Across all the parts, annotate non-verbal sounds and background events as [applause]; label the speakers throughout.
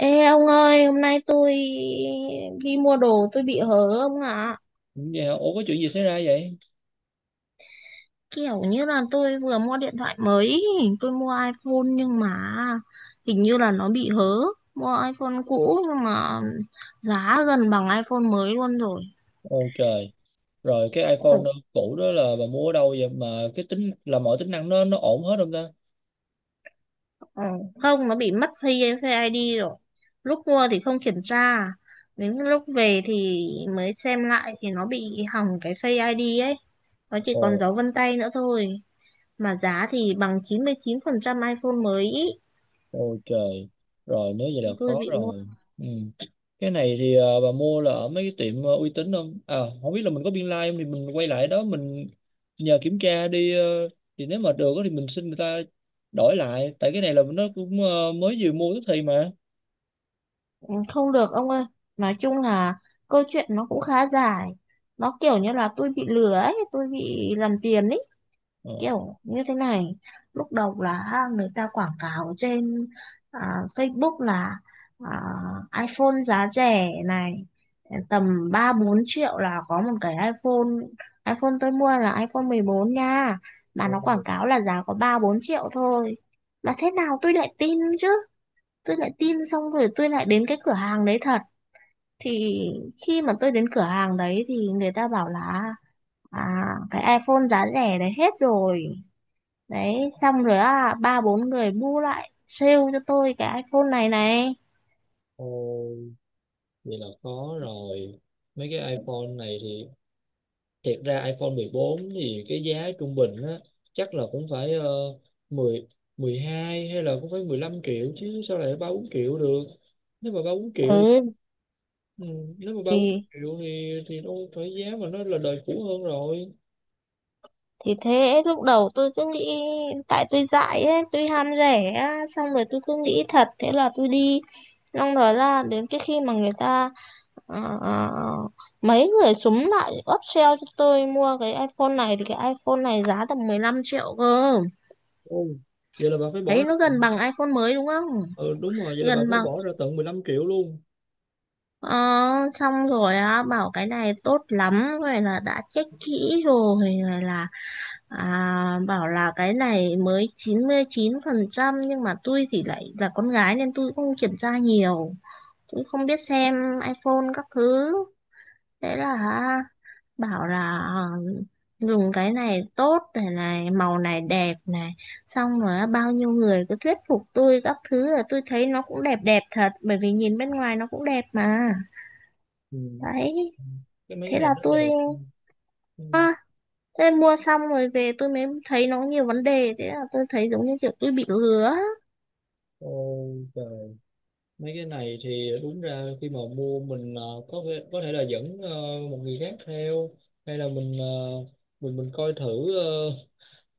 Speaker 1: Ê ông ơi, hôm nay tôi đi mua đồ tôi bị hớ ông ạ.
Speaker 2: Dạ, ủa có chuyện gì xảy ra vậy?
Speaker 1: Kiểu như là tôi vừa mua điện thoại mới, tôi mua iPhone nhưng mà hình như là nó bị hớ. Mua iPhone cũ nhưng mà giá gần bằng iPhone mới luôn rồi.
Speaker 2: Ôi trời, rồi cái iPhone
Speaker 1: Ồ,
Speaker 2: cũ đó là bà mua ở đâu vậy mà cái tính là mọi tính năng nó ổn hết không ta?
Speaker 1: ồ, không, nó bị mất Face Face ID rồi. Lúc mua thì không kiểm tra, đến lúc về thì mới xem lại thì nó bị hỏng cái Face ID ấy. Nó chỉ còn
Speaker 2: Ồ,
Speaker 1: dấu vân tay nữa thôi. Mà giá thì bằng chín chín mươi chín phần trăm iPhone mới ý.
Speaker 2: ôi trời, rồi nếu vậy là
Speaker 1: Tôi
Speaker 2: khó
Speaker 1: bị mua
Speaker 2: rồi. Ừ. Cái này thì bà mua là ở mấy cái tiệm uy tín không? À, không biết là mình có biên lai không thì mình quay lại đó mình nhờ kiểm tra đi thì nếu mà được á thì mình xin người ta đổi lại tại cái này là nó cũng mới vừa mua tức thì mà.
Speaker 1: Không được ông ơi, nói chung là câu chuyện nó cũng khá dài, nó kiểu như là tôi bị lừa ấy, tôi bị làm tiền ấy, kiểu như thế này. Lúc đầu là người ta quảng cáo trên Facebook là à, iPhone giá rẻ này, tầm 3 4 triệu là có một cái iPhone. iPhone tôi mua là iPhone 14 nha, mà nó quảng
Speaker 2: Ồ,
Speaker 1: cáo là giá có 3 4 triệu thôi. Mà thế nào tôi lại tin chứ, tôi lại tin xong rồi tôi lại đến cái cửa hàng đấy thật. Thì khi mà tôi đến cửa hàng đấy thì người ta bảo là à, cái iPhone giá rẻ đấy hết rồi. Đấy, xong rồi á, ba bốn người bu lại sale cho tôi cái iPhone này này.
Speaker 2: ồ, vậy là có rồi. Mấy cái iPhone này thì thiệt ra iPhone 14 thì cái giá trung bình á chắc là cũng phải 10 12 hay là cũng phải 15 triệu chứ sao lại 3 4 triệu được. Nếu mà 3 4 triệu thì
Speaker 1: Ừ,
Speaker 2: ừ, nếu mà 3 4
Speaker 1: thì
Speaker 2: triệu thì nó phải giá mà nó là đời cũ hơn rồi.
Speaker 1: thì thế lúc đầu tôi cứ nghĩ tại tôi dại ấy, tôi ham rẻ á, xong rồi tôi cứ nghĩ thật, thế là tôi đi, xong rồi ra đến cái khi mà người ta ờ, ờ, mấy người súng lại upsell cho tôi mua cái iPhone này, thì cái iPhone này giá tầm 15 triệu cơ.
Speaker 2: Ồ, vậy là bà phải bỏ
Speaker 1: Đấy
Speaker 2: ra.
Speaker 1: nó gần bằng iPhone mới đúng không.
Speaker 2: Ừ, đúng rồi, vậy là
Speaker 1: gần
Speaker 2: bà phải
Speaker 1: bằng
Speaker 2: bỏ ra tận 15 triệu luôn.
Speaker 1: Ờ, Xong rồi á bảo cái này tốt lắm, rồi là đã check kỹ rồi, rồi là bảo là cái này mới chín chín mươi chín phần trăm, nhưng mà tôi thì lại là con gái nên tôi cũng không kiểm tra nhiều, tôi không biết xem iPhone các thứ. Thế là bảo là dùng cái này tốt này, này màu này đẹp này. Xong rồi á, bao nhiêu người cứ thuyết phục tôi các thứ là tôi thấy nó cũng đẹp đẹp thật, bởi vì nhìn bên ngoài nó cũng đẹp mà.
Speaker 2: Ừ.
Speaker 1: Đấy,
Speaker 2: Cái mấy cái
Speaker 1: thế
Speaker 2: này
Speaker 1: là
Speaker 2: nó
Speaker 1: tôi
Speaker 2: đẹp. Ừ. Ừ.
Speaker 1: thế mua xong rồi về tôi mới thấy nó nhiều vấn đề, thế là tôi thấy giống như kiểu tôi bị lừa á.
Speaker 2: Ôi trời, mấy cái này thì đúng ra khi mà mua mình có thể là dẫn một người khác theo hay là mình mình coi thử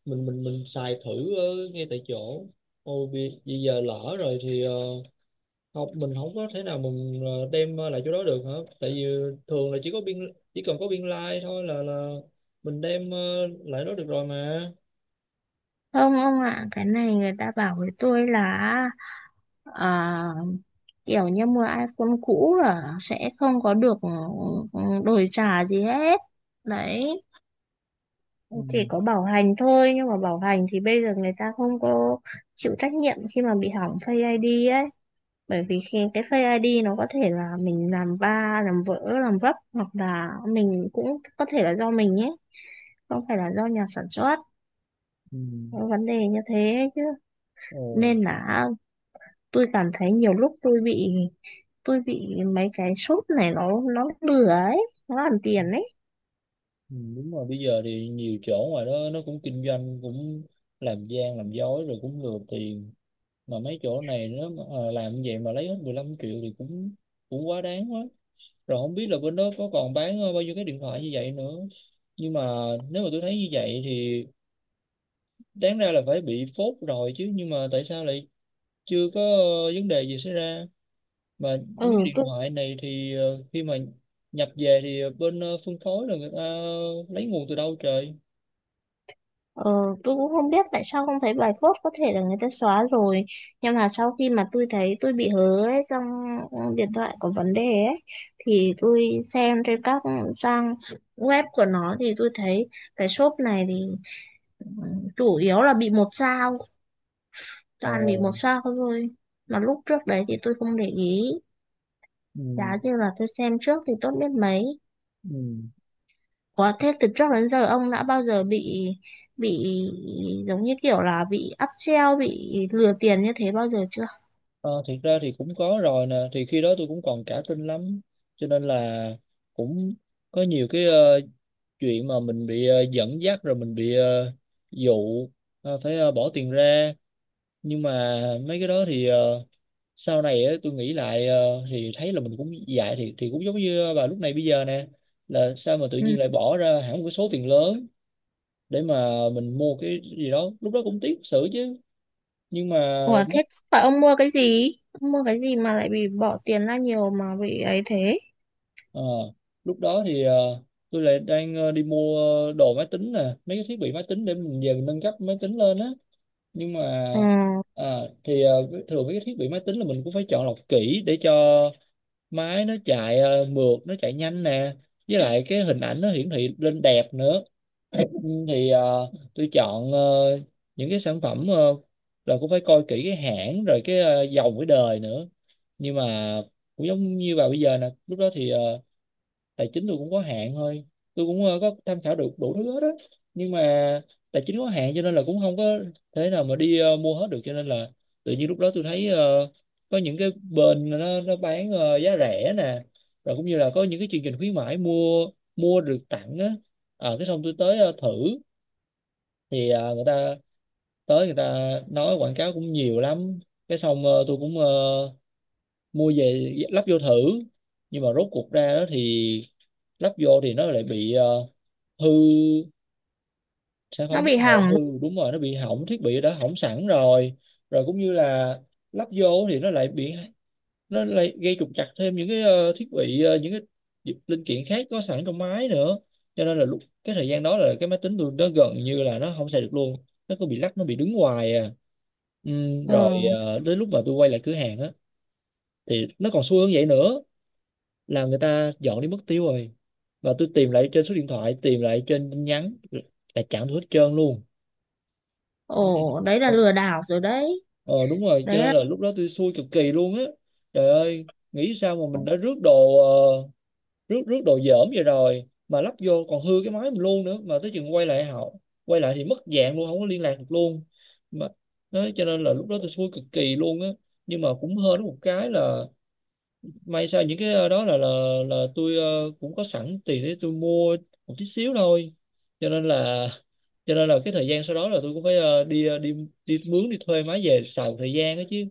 Speaker 2: mình xài thử ờ, ngay tại chỗ. Ôi vì giờ lỡ rồi thì không, mình không có thể nào mình đem lại chỗ đó được hả, tại vì thường là chỉ cần có biên lai thôi là mình đem lại đó được rồi mà.
Speaker 1: Không ông ạ, cái này người ta bảo với tôi là à, kiểu như mua iPhone cũ là sẽ không có được, ừ, đổi trả gì hết. Đấy, chỉ
Speaker 2: Ừ.
Speaker 1: có bảo hành thôi, nhưng mà bảo hành thì bây giờ người ta không có chịu trách nhiệm khi mà bị hỏng Face ID ấy, bởi vì khi cái fake ID nó có thể là mình làm ba làm vỡ làm vấp, hoặc là mình cũng có thể là do mình nhé, không phải là do nhà sản xuất.
Speaker 2: Ừ.
Speaker 1: Có vấn đề như thế chứ,
Speaker 2: Ồ.
Speaker 1: nên là tôi cảm thấy nhiều lúc tôi bị mấy cái shop này nó lừa ấy, nó làm tiền ấy.
Speaker 2: Ừ, đúng rồi, bây giờ thì nhiều chỗ ngoài đó nó cũng kinh doanh cũng làm gian làm dối rồi cũng lừa tiền. Mà mấy chỗ này nó mà làm như vậy mà lấy hết 15 triệu thì cũng cũng quá đáng quá. Rồi không biết là bên đó có còn bán bao nhiêu cái điện thoại như vậy nữa, nhưng mà nếu mà tôi thấy như vậy thì đáng ra là phải bị phốt rồi chứ, nhưng mà tại sao lại chưa có vấn đề gì xảy ra mà mấy cái
Speaker 1: Ừ
Speaker 2: điện
Speaker 1: tôi
Speaker 2: thoại này thì khi mà nhập về thì bên phân phối là người ta lấy nguồn từ đâu trời.
Speaker 1: Ờ, tôi cũng không biết tại sao không thấy bài post, có thể là người ta xóa rồi. Nhưng mà sau khi mà tôi thấy tôi bị hớ ấy, trong điện thoại có vấn đề ấy, thì tôi xem trên các trang web của nó thì tôi thấy cái shop này thì ừ, chủ yếu là bị một sao,
Speaker 2: Ờ,
Speaker 1: toàn bị một sao thôi. Mà lúc trước đấy thì tôi không để ý. Giá
Speaker 2: ừ,
Speaker 1: như là tôi xem trước thì tốt biết mấy.
Speaker 2: ừ.
Speaker 1: Ủa, thế từ trước đến giờ ông đã bao giờ bị, bị giống như kiểu là bị áp treo, bị lừa tiền như thế bao giờ chưa?
Speaker 2: Ờ, thiệt ra thì cũng có rồi nè, thì khi đó tôi cũng còn cả tin lắm cho nên là cũng có nhiều cái chuyện mà mình bị dẫn dắt rồi mình bị dụ phải bỏ tiền ra. Nhưng mà mấy cái đó thì sau này á, tôi nghĩ lại thì thấy là mình cũng dại, thì cũng giống như bà lúc này bây giờ nè, là sao mà tự
Speaker 1: Ừ.
Speaker 2: nhiên lại bỏ ra hẳn một cái số tiền lớn để mà mình mua cái gì đó, lúc đó cũng tiếc sự chứ. Nhưng mà
Speaker 1: Ủa, thế phải ông mua cái gì? Ông mua cái gì mà lại bị bỏ tiền ra nhiều mà bị ấy thế?
Speaker 2: ờ, lúc đó thì tôi lại đang đi mua đồ máy tính nè, mấy cái thiết bị máy tính để mình về mình nâng cấp máy tính lên á. Nhưng mà
Speaker 1: Ờ,
Speaker 2: à, thì thường mấy cái thiết bị máy tính là mình cũng phải chọn lọc kỹ để cho máy nó chạy mượt, nó chạy nhanh nè. Với lại cái hình ảnh nó hiển thị lên đẹp nữa. [clears throat] Ừ, thì tôi chọn những cái sản phẩm là cũng phải coi kỹ cái hãng rồi cái dòng cái đời nữa. Nhưng mà cũng giống như vào bây giờ nè, lúc đó thì tài chính tôi cũng có hạn thôi, tôi cũng có tham khảo được đủ thứ hết á, nhưng mà tài chính có hạn cho nên là cũng không có thế nào mà đi mua hết được, cho nên là tự nhiên lúc đó tôi thấy có những cái bên nó bán giá rẻ nè, rồi cũng như là có những cái chương trình khuyến mãi mua mua được tặng á. Ờ, cái xong tôi tới thử thì người ta nói quảng cáo cũng nhiều lắm, cái xong tôi cũng mua về lắp vô thử, nhưng mà rốt cuộc ra đó thì lắp vô thì nó lại bị hư sản phẩm,
Speaker 1: nó bị
Speaker 2: đồ
Speaker 1: hỏng.
Speaker 2: hư đúng rồi, nó bị hỏng, thiết bị đã hỏng sẵn rồi. Rồi cũng như là lắp vô thì nó lại bị, nó lại gây trục trặc thêm những cái thiết bị những cái linh kiện khác có sẵn trong máy nữa, cho nên là lúc cái thời gian đó là cái máy tính tôi nó gần như là nó không xài được luôn, nó cứ bị lắc, nó bị đứng hoài à, ừ,
Speaker 1: Ờ,
Speaker 2: rồi tới lúc mà tôi quay lại cửa hàng á thì nó còn xui hơn vậy nữa, là người ta dọn đi mất tiêu rồi và tôi tìm lại trên số điện thoại, tìm lại trên tin nhắn là chẳng thấy hết trơn luôn.
Speaker 1: ồ, đấy là lừa đảo rồi đấy.
Speaker 2: Ờ Đúng rồi, cho
Speaker 1: Đấy
Speaker 2: nên
Speaker 1: là,
Speaker 2: là lúc đó tôi xui cực kỳ luôn á. Trời ơi, nghĩ sao mà mình đã rước đồ rước rước đồ dởm vậy rồi mà lắp vô còn hư cái máy mình luôn nữa, mà tới chừng quay lại quay lại thì mất dạng luôn, không có liên lạc được luôn mà. Đó, cho nên là lúc đó tôi xui cực kỳ luôn á, nhưng mà cũng hên có một cái là may sao những cái đó là tôi cũng có sẵn tiền để tôi mua một tí xíu thôi, cho nên là [laughs] cho nên là cái thời gian sau đó là tôi cũng phải đi đi đi mướn đi thuê máy về xài một thời gian đó chứ,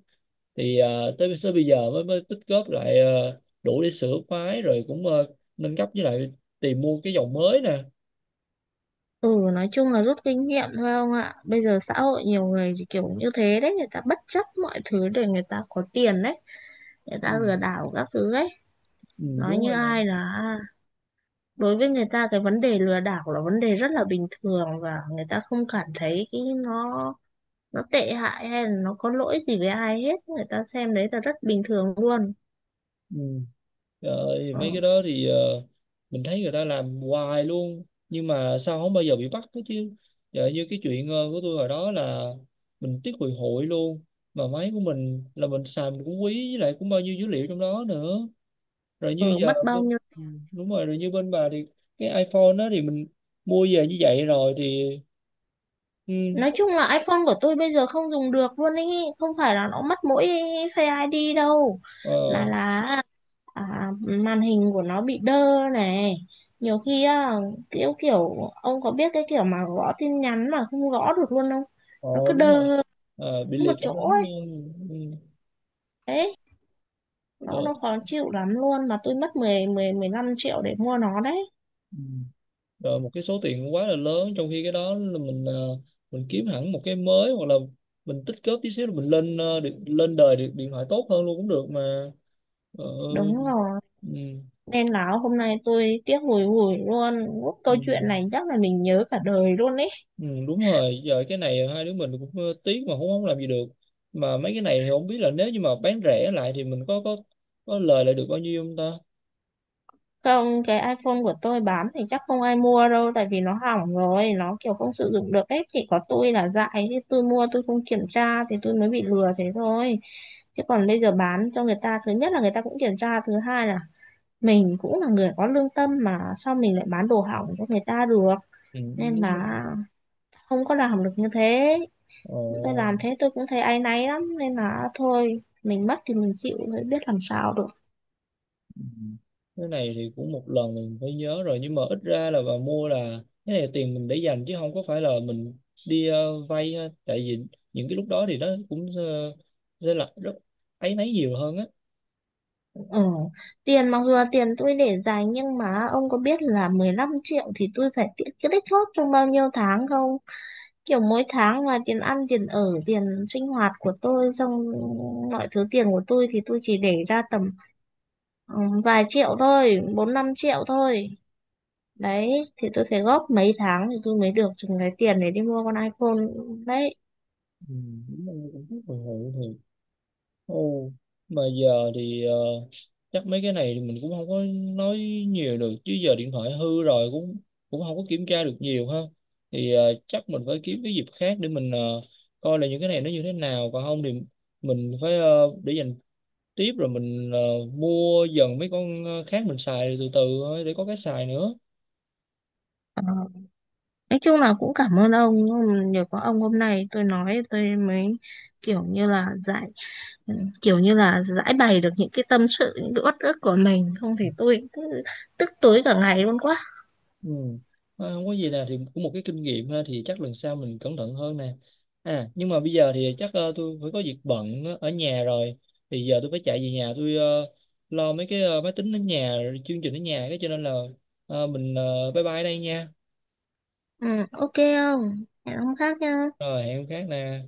Speaker 2: thì tới tới bây giờ mới mới tích góp lại đủ để sửa máy rồi cũng nâng cấp, với lại tìm mua cái dòng mới nè.
Speaker 1: ừ, nói chung là rút kinh nghiệm thôi ông ạ. Bây giờ xã hội nhiều người thì kiểu như thế đấy, người ta bất chấp mọi thứ để người ta có tiền đấy. Người
Speaker 2: Ừ,
Speaker 1: ta lừa đảo các thứ ấy.
Speaker 2: ừ,
Speaker 1: Nói
Speaker 2: đúng
Speaker 1: như
Speaker 2: rồi nè.
Speaker 1: ai là đối với người ta cái vấn đề lừa đảo là vấn đề rất là bình thường, và người ta không cảm thấy cái nó tệ hại hay là nó có lỗi gì với ai hết, người ta xem đấy là rất bình thường luôn.
Speaker 2: Ừ. Rồi,
Speaker 1: ờ,
Speaker 2: mấy cái đó thì mình thấy người ta làm hoài luôn nhưng mà sao không bao giờ bị bắt hết chứ. Giờ như cái chuyện của tôi hồi đó là mình tiếc hồi hội luôn, mà máy của mình là mình xài mình cũng quý, với lại cũng bao nhiêu dữ liệu trong đó nữa, rồi như
Speaker 1: ờ,
Speaker 2: giờ
Speaker 1: Mất bao nhiêu,
Speaker 2: ừ, đúng rồi. Rồi như bên bà thì cái iPhone đó thì mình mua về như vậy rồi thì ừ,
Speaker 1: nói chung là iPhone của tôi bây giờ không dùng được luôn ấy, không phải là nó mất mỗi Face ID đâu, mà
Speaker 2: ờ,
Speaker 1: là à, màn hình của nó bị đơ này, nhiều khi á, kiểu kiểu ông có biết cái kiểu mà gõ tin nhắn mà không gõ được luôn không,
Speaker 2: ờ,
Speaker 1: nó cứ
Speaker 2: đúng rồi.
Speaker 1: đơ
Speaker 2: Ờ, bị
Speaker 1: một
Speaker 2: liệt cảm
Speaker 1: chỗ
Speaker 2: ứng
Speaker 1: ấy.
Speaker 2: luôn ừ,
Speaker 1: Đấy,
Speaker 2: ờ,
Speaker 1: nó khó chịu lắm luôn, mà tôi mất mười mười mười 15 triệu để mua nó đấy.
Speaker 2: ừ, rồi một cái số tiền quá là lớn, trong khi cái đó là mình mình kiếm hẳn một cái mới hoặc là mình tích góp tí xíu rồi mình lên lên đời điện thoại tốt hơn luôn cũng được mà. Ờ,
Speaker 1: Đúng rồi,
Speaker 2: ừ,
Speaker 1: nên là hôm nay tôi tiếc hùi hùi luôn. Lúc
Speaker 2: ừ,
Speaker 1: câu chuyện này chắc là mình nhớ cả đời luôn ấy.
Speaker 2: ừ, đúng rồi. Giờ cái này hai đứa mình cũng tiếc mà cũng không làm gì được, mà mấy cái này thì không biết là nếu như mà bán rẻ lại thì mình có có lời lại được bao nhiêu không ta.
Speaker 1: Không, cái iPhone của tôi bán thì chắc không ai mua đâu, tại vì nó hỏng rồi, nó kiểu không sử dụng được ấy. Chỉ có tôi là dại, chứ tôi mua tôi không kiểm tra thì tôi mới bị lừa thế thôi. Chứ còn bây giờ bán cho người ta, thứ nhất là người ta cũng kiểm tra, thứ hai là mình cũng là người có lương tâm, mà sao mình lại bán đồ hỏng cho người ta được.
Speaker 2: Ừ,
Speaker 1: Nên
Speaker 2: đúng rồi.
Speaker 1: là không có làm được như thế.
Speaker 2: Ồ,
Speaker 1: Tôi làm thế tôi cũng thấy áy náy lắm, nên là thôi mình mất thì mình chịu, mới biết làm sao được.
Speaker 2: cái này thì cũng một lần mình phải nhớ rồi, nhưng mà ít ra là bà mua là cái này là tiền mình để dành chứ không có phải là mình đi vay ha. Tại vì những cái lúc đó thì nó cũng sẽ là rất áy náy nhiều hơn á.
Speaker 1: Ừ. Tiền mặc dù là tiền tôi để dành, nhưng mà ông có biết là 15 triệu thì tôi phải cái tích góp trong bao nhiêu tháng không. Kiểu mỗi tháng là tiền ăn, tiền ở, tiền sinh hoạt của tôi, xong mọi thứ tiền của tôi thì tôi chỉ để ra tầm ừ, vài triệu thôi, bốn năm triệu thôi. Đấy, thì tôi phải góp mấy tháng thì tôi mới được chừng cái tiền để đi mua con iPhone. Đấy,
Speaker 2: Ừ, đúng là cũng rất hồi hộp thì. Ồ, mà giờ thì chắc mấy cái này thì mình cũng không có nói nhiều được chứ, giờ điện thoại hư rồi cũng cũng không có kiểm tra được nhiều ha. Thì chắc mình phải kiếm cái dịp khác để mình coi là những cái này nó như thế nào, còn không thì mình phải để dành tiếp rồi mình mua dần mấy con khác, mình xài từ từ thôi để có cái xài nữa.
Speaker 1: Ờ, nói chung là cũng cảm ơn ông, nhưng nhờ có ông hôm nay tôi nói tôi mới kiểu như là giải ừ, kiểu như là giải bày được những cái tâm sự, những cái uất ức của mình, không thì tôi cứ tức tối cả ngày luôn quá.
Speaker 2: Ừ. Ờ, không có gì nè, thì cũng một cái kinh nghiệm ha, thì chắc lần sau mình cẩn thận hơn nè. À, nhưng mà bây giờ thì chắc tôi phải có việc bận ở nhà rồi. Thì giờ tôi phải chạy về nhà, tôi lo mấy cái máy tính ở nhà, rồi chương trình ở nhà cái, cho nên là mình bye bye đây nha.
Speaker 1: Ừ, ok, không hẹn ông khác nha.
Speaker 2: Rồi, hẹn hôm khác nè.